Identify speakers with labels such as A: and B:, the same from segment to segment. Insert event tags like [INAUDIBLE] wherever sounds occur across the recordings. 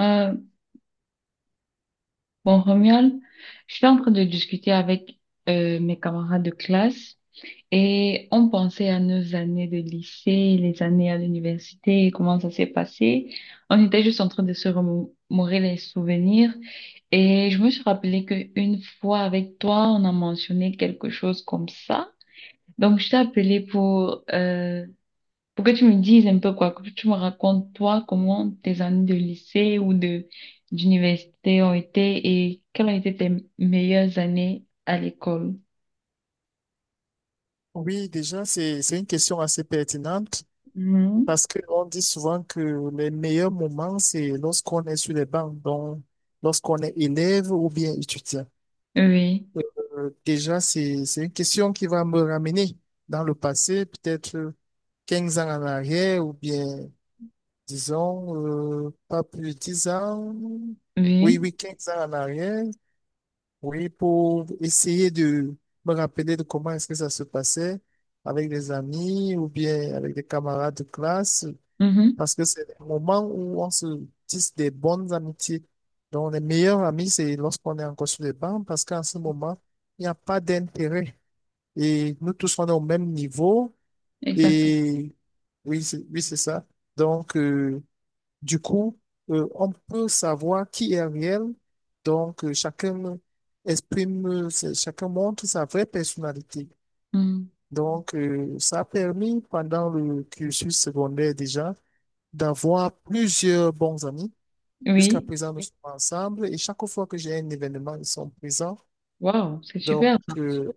A: Euh, bon, Romuald, je suis en train de discuter avec mes camarades de classe et on pensait à nos années de lycée, les années à l'université, comment ça s'est passé. On était juste en train de se remémorer les souvenirs et je me suis rappelé qu'une fois avec toi, on a mentionné quelque chose comme ça. Donc, je t'ai appelé pour que tu me dises un peu quoi, que tu me racontes toi comment tes années de lycée ou de d'université ont été et quelles ont été tes meilleures années à l'école.
B: Oui, déjà, c'est une question assez pertinente
A: Mhm.
B: parce qu'on dit souvent que les meilleurs moments, c'est lorsqu'on est sur les bancs, donc lorsqu'on est élève ou bien étudiant.
A: Oui,
B: Oui. Déjà, c'est une question qui va me ramener dans le passé, peut-être 15 ans en arrière ou bien, disons, pas plus de 10 ans. Oui,
A: oui,
B: oui, 15 ans en arrière. Oui, pour essayer de me rappeler de comment est-ce que ça se passait avec des amis ou bien avec des camarades de classe,
A: mhm,
B: parce que c'est des moments où on se tisse des bonnes amitiés. Donc, les meilleurs amis, c'est lorsqu'on est encore sur les bancs, parce qu'en ce moment, il n'y a pas d'intérêt. Et nous tous, on est au même niveau.
A: exactement.
B: Et oui, c'est ça. Donc, euh, du coup, on peut savoir qui est réel. Donc, chacun exprime, chacun montre sa vraie personnalité.
A: Mhm.
B: Donc, ça a permis pendant le cursus secondaire déjà d'avoir plusieurs bons amis. Jusqu'à
A: Oui,
B: présent, nous sommes ensemble et chaque fois que j'ai un événement, ils sont présents.
A: waouh, c'est super
B: Donc,
A: ça.
B: euh,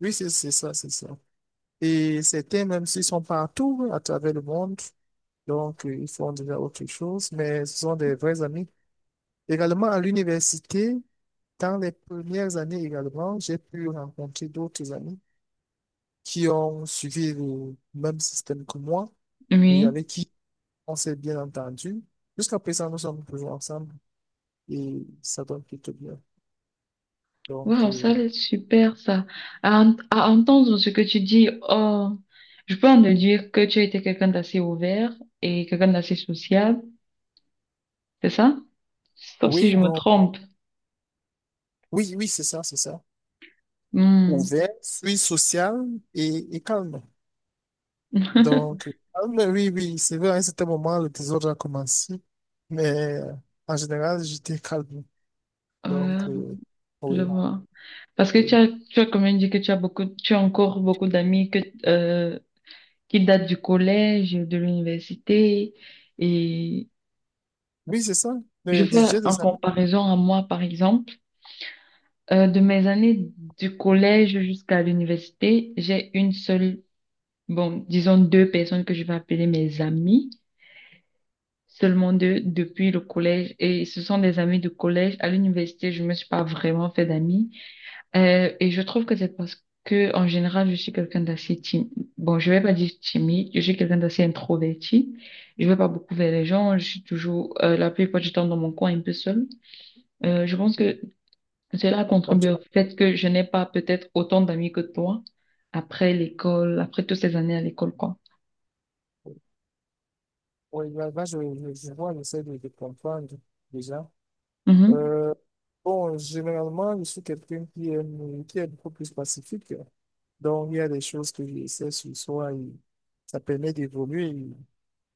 B: oui, c'est ça, c'est ça. Et certains, même s'ils sont partout à travers le monde, donc ils font déjà autre chose, mais ce sont des vrais amis. Également à l'université, dans les premières années également, j'ai pu rencontrer d'autres amis qui ont suivi le même système que moi et
A: Oui,
B: avec qui on s'est bien entendu. Jusqu'à présent, nous sommes toujours ensemble et ça donne plutôt bien. Donc,
A: waouh,
B: euh,
A: ça c'est super ça. À entendre ce que tu dis, oh, je peux en déduire que tu étais quelqu'un d'assez ouvert et quelqu'un d'assez sociable, c'est ça? Sauf si
B: oui,
A: je me
B: bon,
A: trompe.
B: oui, oui, c'est ça, c'est ça.
A: Mm.
B: Ouvert, suis social et calme. Donc,
A: [LAUGHS]
B: calme, oui, oui, c'est vrai, à un certain moment, le désordre a commencé, mais en général, j'étais calme.
A: Ouais,
B: Donc, euh,
A: je
B: oui.
A: vois. Parce que tu
B: Oui,
A: as, tu as quand même dit que tu as beaucoup, tu as encore beaucoup d'amis que, euh, qui datent du collège, de l'université. Et
B: c'est ça,
A: je
B: le
A: fais
B: budget de
A: en
B: Samuel.
A: comparaison à moi, par exemple, de mes années du collège jusqu'à l'université, j'ai une seule, bon, disons deux personnes que je vais appeler mes amis, seulement deux depuis le collège. Et ce sont des amis du collège. À l'université, je me suis pas vraiment fait d'amis. Et je trouve que c'est parce que, en général, je suis quelqu'un d'assez timide. Bon, je vais pas dire timide, je suis quelqu'un d'assez introverti. Je vais pas beaucoup vers les gens, je suis toujours, la plupart du temps dans mon coin, un peu seule. Je pense que cela
B: Ok.
A: contribue au fait que je n'ai pas peut-être autant d'amis que toi après l'école, après toutes ces années à l'école, quoi.
B: Oui, là, là, je vois, j'essaie de comprendre déjà.
A: Mhm.
B: Euh, bon, généralement, je suis quelqu'un qui aime, qui est beaucoup plus pacifique. Donc, il y a des choses que j'essaie sur soi et ça permet d'évoluer. Et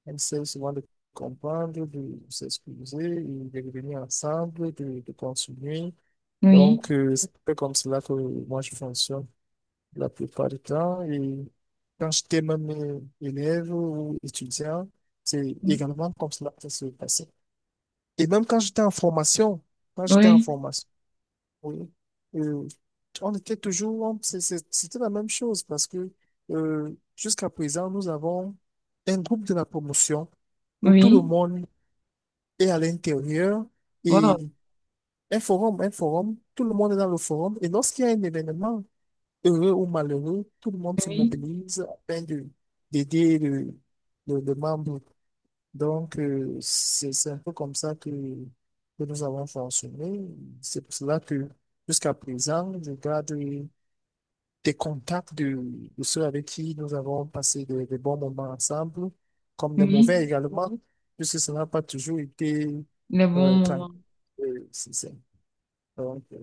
B: on essaie souvent de comprendre, de s'excuser, et de revenir ensemble, de continuer.
A: Oui.
B: Donc, c'est un peu comme cela que moi je fonctionne la plupart du temps. Et quand j'étais même élève ou étudiant, c'est également comme cela que ça se passait. Et même quand j'étais en formation, quand j'étais en
A: Oui.
B: formation, oui, euh, on était toujours, c'était la même chose parce que jusqu'à présent, nous avons un groupe de la promotion où tout le
A: Oui.
B: monde est à l'intérieur et
A: Wow.
B: un forum, tout le monde est dans le forum. Et lorsqu'il y a un événement, heureux ou malheureux, tout le monde se
A: Oui.
B: mobilise afin de d'aider le membre. Donc, c'est un peu comme ça que nous avons fonctionné. C'est pour cela que jusqu'à présent, je garde des contacts de ceux avec qui nous avons passé de bons moments ensemble, comme des
A: Oui.
B: mauvais également, puisque ça n'a pas toujours été
A: Les bons
B: tranquille.
A: moments.
B: C'est ça. Donc,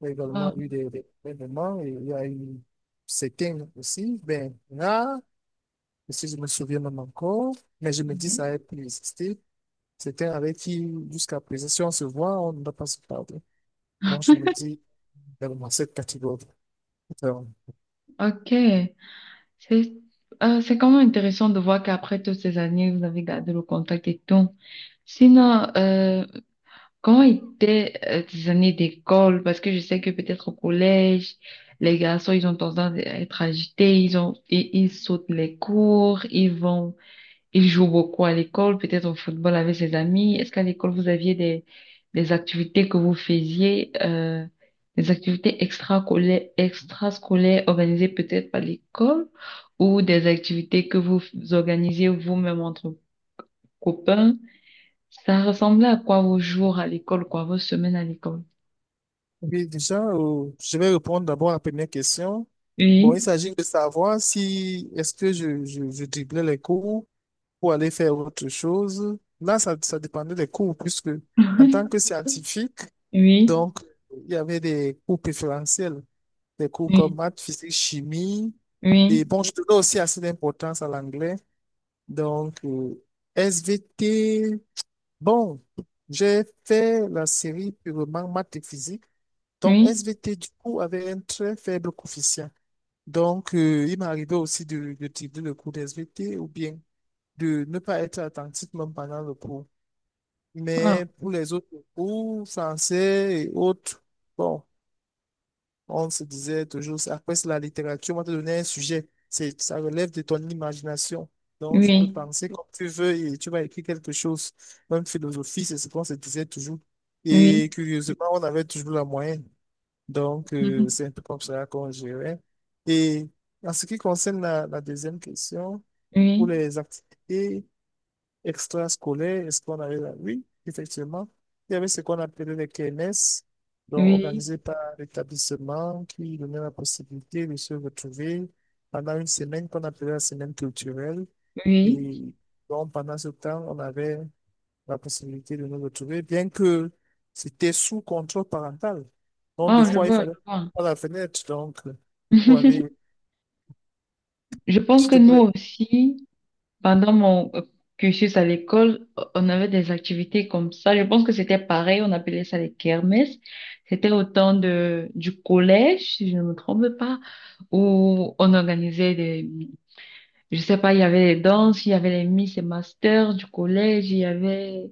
B: il y a
A: Wow.
B: également eu des événements, il y a eu certaines aussi, ben, là si je me souviens même encore, mais je me dis ça
A: Mhm.
B: a pu exister. C'était avec qui, jusqu'à présent, si on se voit, on ne va pas se parler. Donc, je me dis, également, cette catégorie. Alors,
A: Ok. C'est c'est quand même intéressant de voir qu'après toutes ces années, vous avez gardé le contact et tout. Sinon, comment étaient tes années d'école? Parce que je sais que peut-être au collège, les garçons, ils ont tendance à être agités, ils sautent les cours, ils vont il joue beaucoup à l'école, peut-être au football avec ses amis. Est-ce qu'à l'école, vous aviez des activités que vous faisiez, des activités extrascolaires organisées peut-être par l'école ou des activités que organisiez vous-même entre copains? Ça ressemblait à quoi vos jours à l'école, quoi, vos semaines à l'école?
B: oui, déjà, je vais répondre d'abord à la première question. Bon, il
A: Oui,
B: s'agit de savoir si, est-ce que je driblais les cours pour aller faire autre chose. Là, ça dépendait des cours, puisque en tant
A: [LAUGHS]
B: que scientifique.
A: oui,
B: Donc, il y avait des cours préférentiels, des cours comme
A: oui,
B: maths, physique, chimie.
A: oui,
B: Et bon, je donnais aussi assez d'importance à l'anglais. Donc, SVT, bon, j'ai fait la série purement maths et physique. Donc,
A: oui,
B: SVT, du coup, avait un très faible coefficient. Donc, il m'est arrivé aussi de tirer le cours d'SVT ou bien de ne pas être attentif même pendant le cours.
A: ah,
B: Mais pour les autres cours, français et autres, bon. On se disait toujours, après c'est la littérature, on va te donner un sujet. Ça relève de ton imagination. Donc, tu peux
A: oui,
B: penser comme tu veux et tu vas écrire quelque chose. Même philosophie, c'est ce qu'on se disait toujours. Et
A: oui,
B: curieusement, on avait toujours la moyenne. Donc, c'est un
A: [LAUGHS]
B: peu comme ça qu'on gérait. Et en ce qui concerne la, la deuxième question, pour
A: oui,
B: les activités extrascolaire, est-ce qu'on avait là? Oui, effectivement. Il y avait ce qu'on appelait les KNS, donc
A: oui,
B: organisés par l'établissement qui donnait la possibilité de se retrouver pendant une semaine qu'on appelait la semaine culturelle.
A: oui.
B: Et donc, pendant ce temps, on avait la possibilité de nous retrouver, bien que c'était sous contrôle parental. Donc, des
A: Oh, je
B: fois, il
A: vois, je
B: fallait
A: vois.
B: pas la fenêtre, donc, pour aller,
A: [LAUGHS] Je pense que
B: surtout pour
A: nous
B: les...
A: aussi, pendant mon cursus à l'école, on avait des activités comme ça. Je pense que c'était pareil, on appelait ça les kermesses. C'était au temps de, du collège, si je ne me trompe pas, où on organisait des, je sais pas, il y avait les danses, il y avait les Miss et Masters du collège, il y avait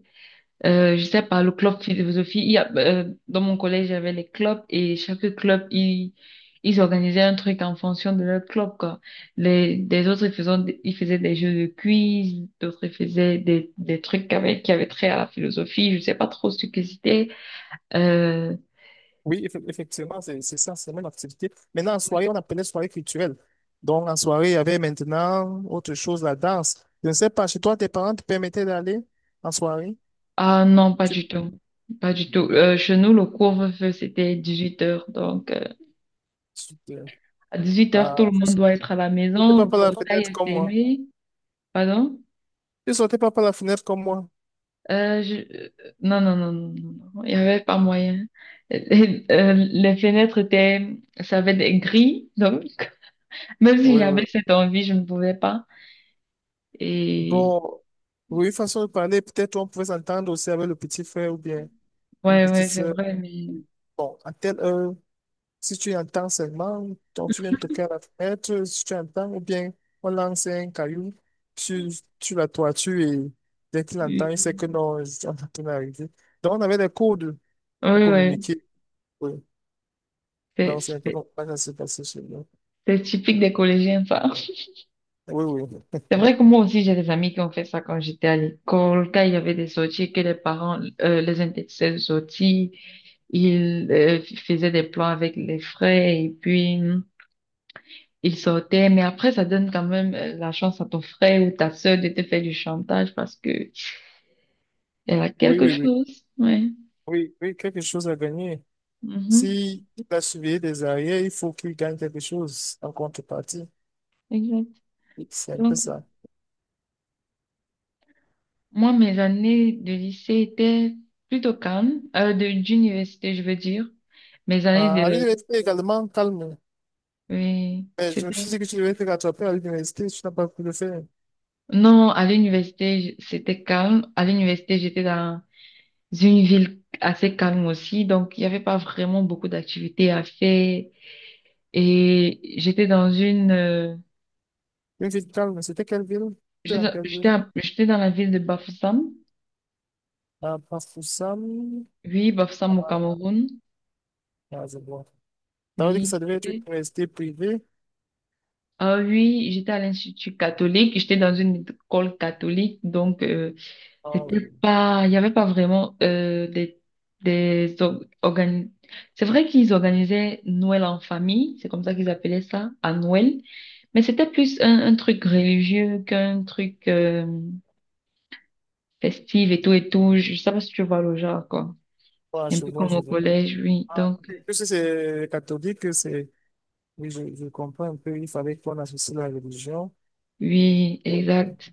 A: Je sais pas, le club philosophie, il y a, dans mon collège, il y avait les clubs et chaque club, ils organisaient un truc en fonction de leur club, quoi. Les, des autres, ils faisaient des jeux de quiz, d'autres, ils faisaient des trucs avec, qui avaient trait à la philosophie, je sais pas trop ce que c'était. Euh,
B: Oui, effectivement, c'est ça, c'est la même activité. Maintenant, en soirée, on appelait soirée culturelle. Donc, en soirée, il y avait maintenant autre chose, la danse. Je ne sais pas, chez toi, tes parents te permettaient d'aller en soirée?
A: ah non, pas
B: Tu,
A: du tout. Pas du tout. Chez nous, le couvre-feu, c'était 18 heures. Donc,
B: tu, te-
A: à 18 heures, tout
B: ah,
A: le
B: tu
A: monde doit être à la
B: sautais
A: maison,
B: pas
A: le
B: par la
A: portail
B: fenêtre
A: est
B: comme moi.
A: fermé. Pardon?
B: Tu sautais pas par la fenêtre comme moi.
A: Euh, je- euh, Non, non, non, non, non, non. Il n'y avait pas moyen. Les fenêtres étaient, ça avait des grilles, donc [LAUGHS] même si
B: Oui,
A: j'avais
B: oui.
A: cette envie, je ne pouvais pas. Et
B: Bon, oui, façon de parler, peut-être on pouvait s'entendre aussi avec le petit frère ou bien une
A: ouais,
B: petite
A: ouais, c'est
B: sœur.
A: vrai, mais
B: Bon, à telle heure. Si tu entends seulement, donc tu viens de toquer à la fenêtre, si tu entends, ou bien on lance un caillou sur, sur la toiture et dès qu'il entend, il sait
A: oui,
B: que non, on est en train d'arriver. Donc on avait des codes pour
A: ouais,
B: communiquer. Oui.
A: c'est
B: Donc c'est un peu
A: c'est-
B: comme ça que ça s'est passé chez nous.
A: c'est typique des collégiens, ça.
B: Oui, oui.
A: C'est vrai que
B: [LAUGHS]
A: moi aussi, j'ai des amis qui ont fait ça quand j'étais à l'école, quand il y avait des sorties, que les parents les interdisaient de sortir, ils faisaient des plans avec les frais et puis ils sortaient, mais après, ça donne quand même la chance à ton frère ou ta sœur de te faire du chantage parce que elle a
B: Oui,
A: quelque
B: oui, oui.
A: chose. Ouais.
B: Oui, oui, quelque chose à gagner.
A: Mhm.
B: Si il va surveiller des arrières, il faut qu'il gagne quelque chose en contrepartie.
A: Exact.
B: Oui, c'est un peu
A: Donc,
B: ça.
A: moi, mes années de lycée étaient plutôt calmes, d'université, je veux dire. Mes années
B: Ah, à
A: de,
B: l'université également, calme.
A: oui,
B: Mais je me
A: c'était,
B: suis dit que tu devais te rattraper à l'université, tu n'as pas pu le faire.
A: non, à l'université, c'était calme. À l'université, j'étais dans une ville assez calme aussi, donc il n'y avait pas vraiment beaucoup d'activités à faire. Et j'étais dans une,
B: Une ville calme, c'était quelle ville? C'était dans
A: j'étais
B: quelle ville?
A: j'étais dans la ville de Bafoussam.
B: À Pafoussam?
A: Oui, Bafoussam au Cameroun.
B: Ah, je vois. T'avais dit que
A: Oui,
B: ça devait être une université privée?
A: ah oui, j'étais à l'institut catholique. J'étais dans une école catholique, donc
B: Ah oui.
A: c'était pas, il y avait pas vraiment des organi- C'est vrai qu'ils organisaient Noël en famille, c'est comme ça qu'ils appelaient ça, à Noël, mais c'était plus un truc religieux qu'un truc festif et tout et tout. Je sais pas si tu vois le genre quoi.
B: Ah,
A: Un
B: je
A: peu
B: vois,
A: comme
B: je
A: au
B: vois.
A: collège, oui.
B: Ah,
A: Donc
B: que si c'est catholique, c'est... Oui, je comprends un peu, il fallait qu'on associe la religion.
A: oui,
B: Et-
A: exact.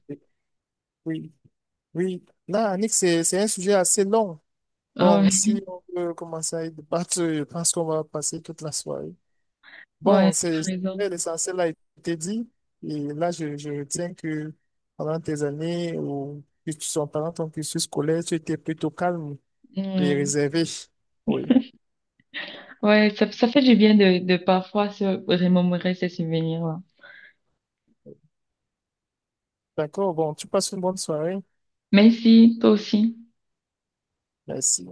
B: oui, oui. Là, Annick, c'est un sujet assez long.
A: Ah
B: Bon, si
A: oui,
B: on veut commencer à y débattre, je pense qu'on va passer toute la soirée.
A: ouais,
B: Bon,
A: tu as raison.
B: l'essentiel a été dit. Et là, je retiens que pendant tes années ou que tu sois pendant ton cursus scolaire, tu étais plutôt calme et
A: Mm.
B: réservé. Oui.
A: Ouais, ça fait du bien de parfois se remémorer ces souvenirs-là.
B: D'accord. Bon, tu passes une bonne soirée.
A: Merci, toi aussi.
B: Merci.